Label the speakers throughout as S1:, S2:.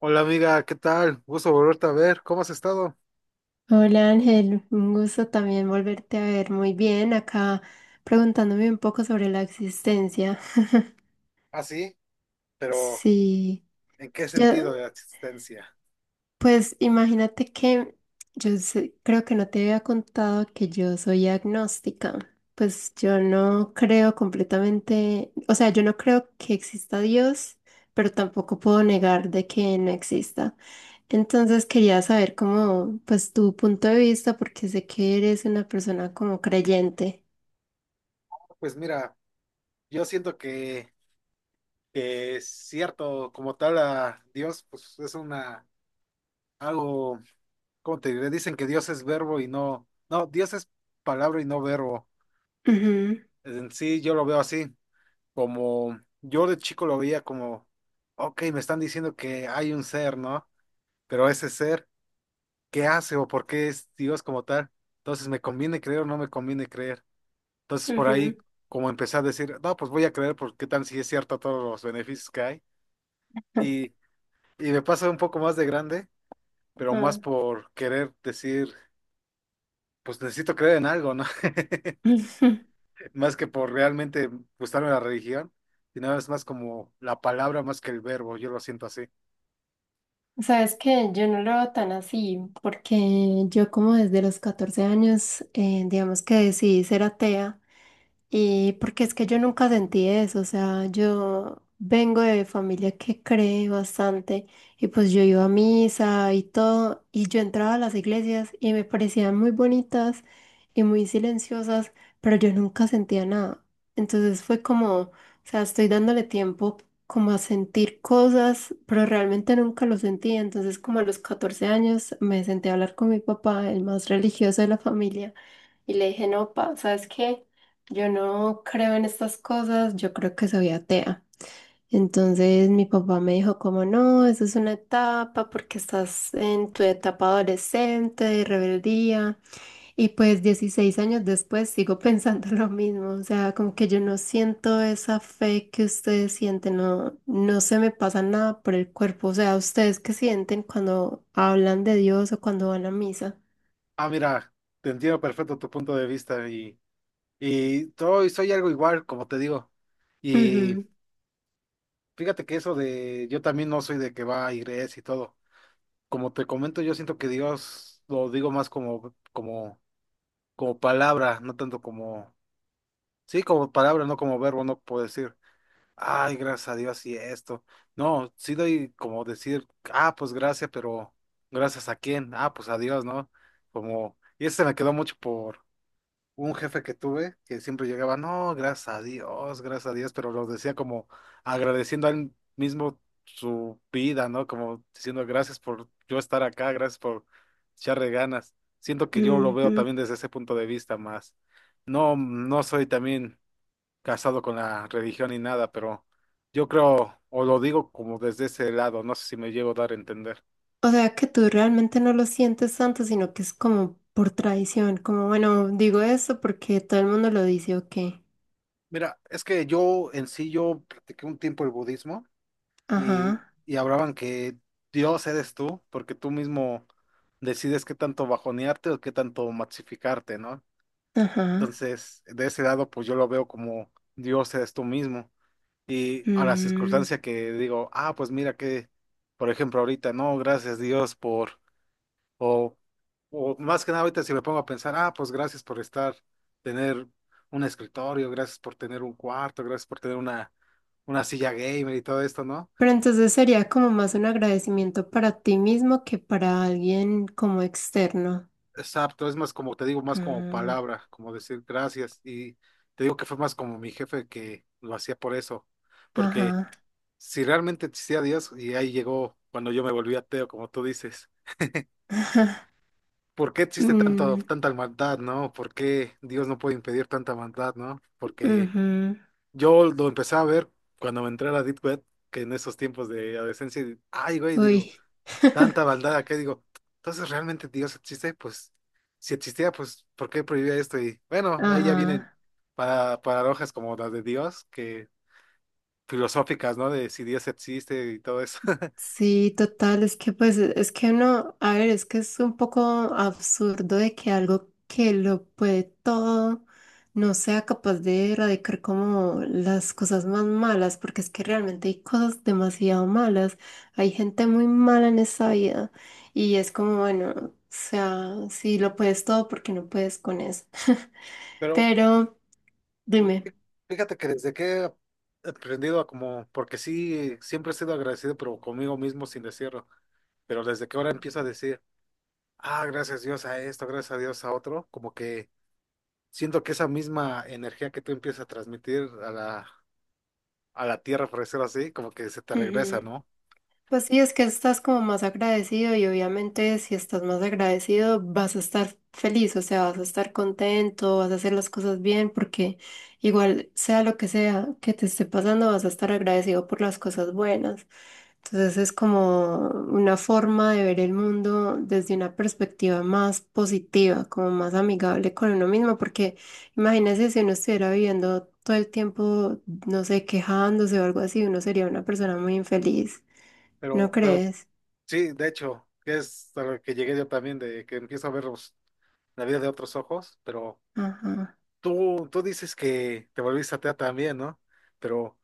S1: Hola amiga, ¿qué tal? Gusto volverte a ver. ¿Cómo has estado?
S2: Hola Ángel, un gusto también volverte a ver. Muy bien, acá preguntándome un poco sobre la existencia.
S1: Ah, sí, pero
S2: Sí,
S1: ¿en qué sentido
S2: yo,
S1: de la existencia?
S2: pues imagínate que creo que no te había contado que yo soy agnóstica. Pues yo no creo completamente, o sea, yo no creo que exista Dios, pero tampoco puedo negar de que no exista. Entonces quería saber cómo, pues tu punto de vista, porque sé que eres una persona como creyente.
S1: Pues mira, yo siento que es cierto, como tal a Dios, pues es una, algo, ¿cómo te diré? Dicen que Dios es verbo y no, Dios es palabra y no verbo.
S2: Ujú,
S1: En sí, yo lo veo así, como yo de chico lo veía como, ok, me están diciendo que hay un ser, ¿no? Pero ese ser qué hace o por qué es Dios como tal. Entonces, ¿me conviene creer o no me conviene creer? Entonces, por ahí,
S2: ujú,
S1: como empecé a decir, no, pues voy a creer porque qué tal si es cierto todos los beneficios que hay. Y, y me pasa un poco más de grande, pero más
S2: ajá.
S1: por querer decir, pues necesito creer en algo, ¿no? Más que por realmente gustarme la religión, sino es más como la palabra más que el verbo, yo lo siento así.
S2: Sabes que yo no lo veo tan así, porque yo como desde los 14 años, digamos que decidí ser atea. Y porque es que yo nunca sentí eso, o sea, yo vengo de familia que cree bastante y pues yo iba a misa y todo y yo entraba a las iglesias y me parecían muy bonitas y muy silenciosas, pero yo nunca sentía nada. Entonces fue como, o sea, estoy dándole tiempo como a sentir cosas, pero realmente nunca lo sentía. Entonces como a los 14 años me senté a hablar con mi papá, el más religioso de la familia, y le dije, no, pa, ¿sabes qué? Yo no creo en estas cosas, yo creo que soy atea. Entonces mi papá me dijo como no, eso es una etapa porque estás en tu etapa adolescente de rebeldía. Y pues 16 años después sigo pensando lo mismo, o sea, como que yo no siento esa fe que ustedes sienten, no, no se me pasa nada por el cuerpo, o sea, ustedes qué sienten cuando hablan de Dios o cuando van a misa.
S1: Ah, mira, te entiendo perfecto tu punto de vista y soy algo igual, como te digo. Y
S2: Ujú,
S1: fíjate que eso de yo también no soy de que va a iglesia y todo. Como te comento, yo siento que Dios lo digo más como palabra, no tanto como sí, como palabra, no como verbo, no puedo decir, ay, gracias a Dios y esto. No, sí doy como decir, ah, pues gracias, pero ¿gracias a quién? Ah, pues a Dios, ¿no? Como y ese me quedó mucho por un jefe que tuve que siempre llegaba, no, gracias a Dios, pero lo decía como agradeciendo a él mismo su vida, ¿no? Como diciendo, gracias por yo estar acá, gracias por echarle ganas. Siento que yo lo veo
S2: ujú.
S1: también desde ese punto de vista más. No, no soy también casado con la religión ni nada, pero yo creo, o lo digo como desde ese lado, no sé si me llego a dar a entender.
S2: O sea que tú realmente no lo sientes tanto, sino que es como por tradición, como bueno, digo eso porque todo el mundo lo dice o qué.
S1: Mira, es que yo en sí, yo practiqué un tiempo el budismo. y,
S2: Ajá,
S1: y hablaban que Dios eres tú, porque tú mismo decides qué tanto bajonearte o qué tanto maxificarte, ¿no?
S2: ajá.
S1: Entonces, de ese lado, pues yo lo veo como Dios eres tú mismo. Y a la
S2: Mm.
S1: circunstancia que digo, ah, pues mira que, por ejemplo, ahorita, no, gracias Dios por, o, o más que nada ahorita si me pongo a pensar, ah, pues gracias por estar, tener un escritorio, gracias por tener un cuarto, gracias por tener una silla gamer y todo esto, ¿no?
S2: Pero entonces sería como más un agradecimiento para ti mismo que para alguien como externo.
S1: Exacto, es más como, te digo, más como
S2: Mm,
S1: palabra, como decir gracias. Y te digo que fue más como mi jefe que lo hacía por eso. Porque
S2: ajá.
S1: si realmente existía Dios, y ahí llegó cuando yo me volví ateo, como tú dices, ¿por qué existe tanto,
S2: Mm,
S1: tanta maldad, no? ¿Por qué Dios no puede impedir tanta maldad, no? Porque
S2: ujú.
S1: yo lo empecé a ver cuando me entré a la Deep Web, que en esos tiempos de adolescencia, y- ay, güey, digo
S2: Uy.
S1: tanta maldad acá, digo, entonces realmente Dios existe, pues si existía, pues ¿por qué prohibía esto? Y bueno, ahí ya vienen
S2: Ajá.
S1: paradojas como las de Dios, que filosóficas, ¿no? De si Dios existe y todo eso.
S2: Sí, total, es que pues es que uno, a ver, es que es un poco absurdo de que algo que lo puede todo no sea capaz de erradicar como las cosas más malas, porque es que realmente hay cosas demasiado malas, hay gente muy mala en esta vida y es como, bueno, o sea, si lo puedes todo, porque no puedes con eso?
S1: Pero
S2: Pero dime.
S1: fí- Fíjate que desde que he aprendido a como, porque sí, siempre he sido agradecido, pero conmigo mismo sin decirlo, pero desde que ahora empiezo a decir, ah, gracias Dios a esto, gracias a Dios a otro, como que siento que esa misma energía que tú empiezas a transmitir a la tierra, por decirlo así, como que se te regresa, ¿no?
S2: Pues sí, es que estás como más agradecido y obviamente si estás más agradecido vas a estar feliz, o sea, vas a estar contento, vas a hacer las cosas bien, porque igual sea lo que sea que te esté pasando, vas a estar agradecido por las cosas buenas. Entonces es como una forma de ver el mundo desde una perspectiva más positiva, como más amigable con uno mismo, porque imagínese si uno estuviera viviendo todo el tiempo, no sé, quejándose o algo así, uno sería una persona muy infeliz. ¿No
S1: Pero
S2: crees?
S1: sí, de hecho, que es a lo que llegué yo también, de que empiezo a la vida de otros ojos, pero
S2: Ajá.
S1: tú dices que te volviste atea también, ¿no? Pero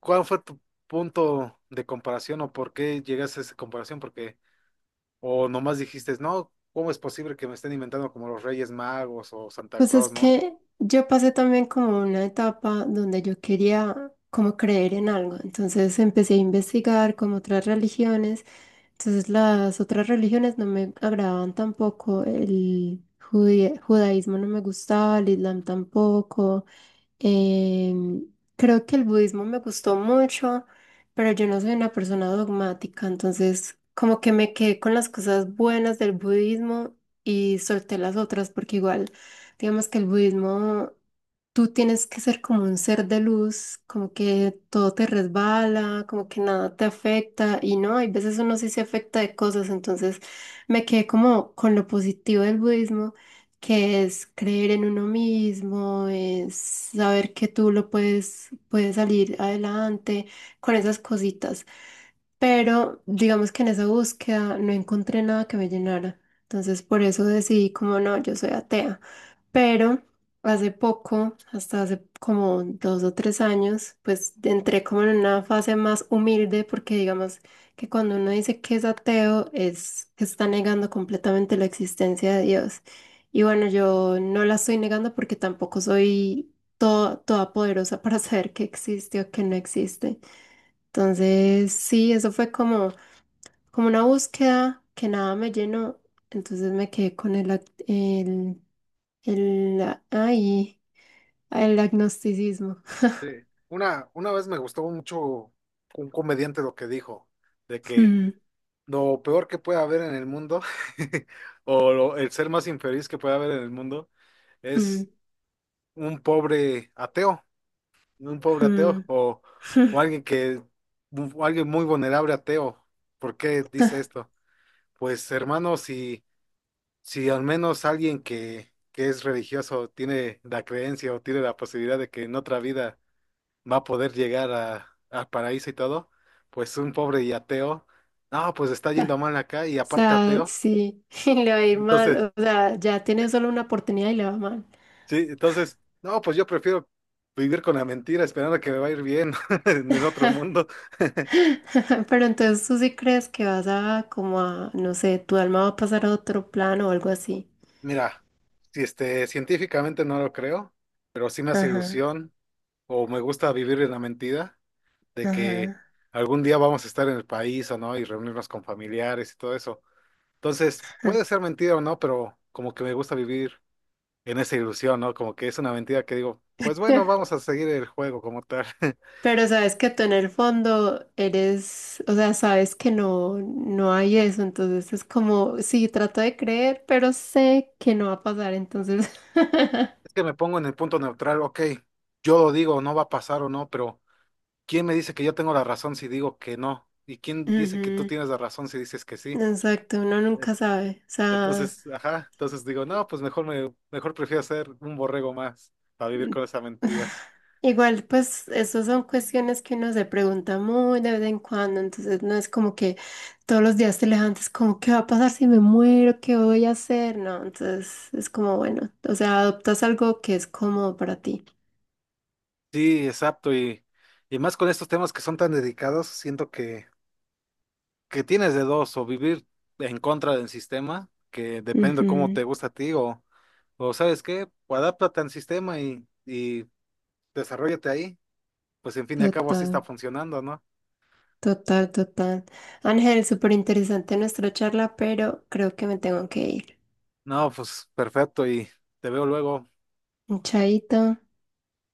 S1: ¿cuál fue tu punto de comparación o por qué llegaste a esa comparación? Porque, o nomás dijiste, no, ¿cómo es posible que me estén inventando como los Reyes Magos o Santa
S2: Pues es
S1: Claus, ¿no?
S2: que yo pasé también como una etapa donde yo quería como creer en algo. Entonces empecé a investigar como otras religiones. Entonces las otras religiones no me agradaban tampoco. El judaísmo no me gustaba, el islam tampoco. Em, Creo que el budismo me gustó mucho, pero yo no soy una persona dogmática, entonces como que me quedé con las cosas buenas del budismo y solté las otras, porque igual, digamos que el budismo, tú tienes que ser como un ser de luz, como que todo te resbala, como que nada te afecta, y no, hay veces uno sí se afecta de cosas, entonces me quedé como con lo positivo del budismo que es creer en uno mismo, es saber que tú lo puedes, puedes salir adelante con esas cositas. Pero digamos que en esa búsqueda no encontré nada que me llenara. Entonces por eso decidí como no, yo soy atea. Pero hace poco, hasta hace como 2 o 3 años, pues entré como en una fase más humilde porque digamos que cuando uno dice que es ateo es que está negando completamente la existencia de Dios. Y bueno, yo no la estoy negando porque tampoco soy toda poderosa para saber qué existe o qué no existe. Entonces, sí, eso fue como, como una búsqueda que nada me llenó. Entonces me quedé con el, ac- el, ay, el agnosticismo.
S1: Una vez me gustó mucho un comediante lo que dijo, de que
S2: Mm,
S1: lo peor que puede haber en el mundo, o el ser más infeliz que puede haber en el mundo,
S2: mm,
S1: es un pobre ateo, un pobre ateo,
S2: mm.
S1: o alguien que, o alguien muy vulnerable ateo. ¿Por qué dice esto? Pues hermano, si al menos alguien que es religioso tiene la creencia o tiene la posibilidad de que en otra vida va a poder llegar al paraíso y todo, pues un pobre y ateo, no, pues está yendo mal acá y
S2: O
S1: aparte
S2: sea,
S1: ateo.
S2: sí, le va a ir
S1: Entonces,
S2: mal. O sea, ya tiene solo una oportunidad y le va mal.
S1: sí, entonces, no, pues yo prefiero vivir con la mentira esperando que me va a ir bien en el otro mundo.
S2: Pero entonces tú sí crees que vas a como a, no sé, tu alma va a pasar a otro plano o algo así.
S1: Mira, si este, científicamente no lo creo, pero sí me hace
S2: Ajá,
S1: ilusión o me gusta vivir en la mentira de que
S2: ajá.
S1: algún día vamos a estar en el país o no y reunirnos con familiares y todo eso. Entonces, puede ser mentira o no, pero como que me gusta vivir en esa ilusión, ¿no? Como que es una mentira que digo, pues bueno, vamos a seguir el juego como tal.
S2: Pero sabes que tú en el fondo eres, o sea, sabes que no, no hay eso, entonces es como, sí, trato de creer, pero sé que no va a pasar, entonces.
S1: Es que me pongo en el punto neutral, ok, yo lo digo, no va a pasar o no, pero ¿quién me dice que yo tengo la razón si digo que no? ¿Y quién dice que tú
S2: Ujú.
S1: tienes la razón si dices que sí?
S2: Exacto, uno
S1: Eh,
S2: nunca sabe, o sea,
S1: Entonces, ajá, entonces digo, no, pues mejor prefiero ser un borrego más para vivir con esa mentira.
S2: igual, pues, esas son cuestiones que uno se pregunta muy de vez en cuando, entonces no es como que todos los días te levantes como, ¿qué va a pasar si me muero? ¿Qué voy a hacer? No, entonces es como, bueno, o sea, adoptas algo que es cómodo para ti.
S1: Sí, exacto, y más con estos temas que son tan dedicados, siento que tienes de dos, o vivir en contra del sistema, que depende de cómo te
S2: Ujú.
S1: gusta a ti, o ¿sabes qué? O adáptate al sistema y desarróllate ahí pues en fin y al cabo así está
S2: Total,
S1: funcionando, ¿no?
S2: total, total. Ángel, súper interesante nuestra charla, pero creo que me tengo que ir.
S1: No, pues perfecto y te veo luego.
S2: Un chaito.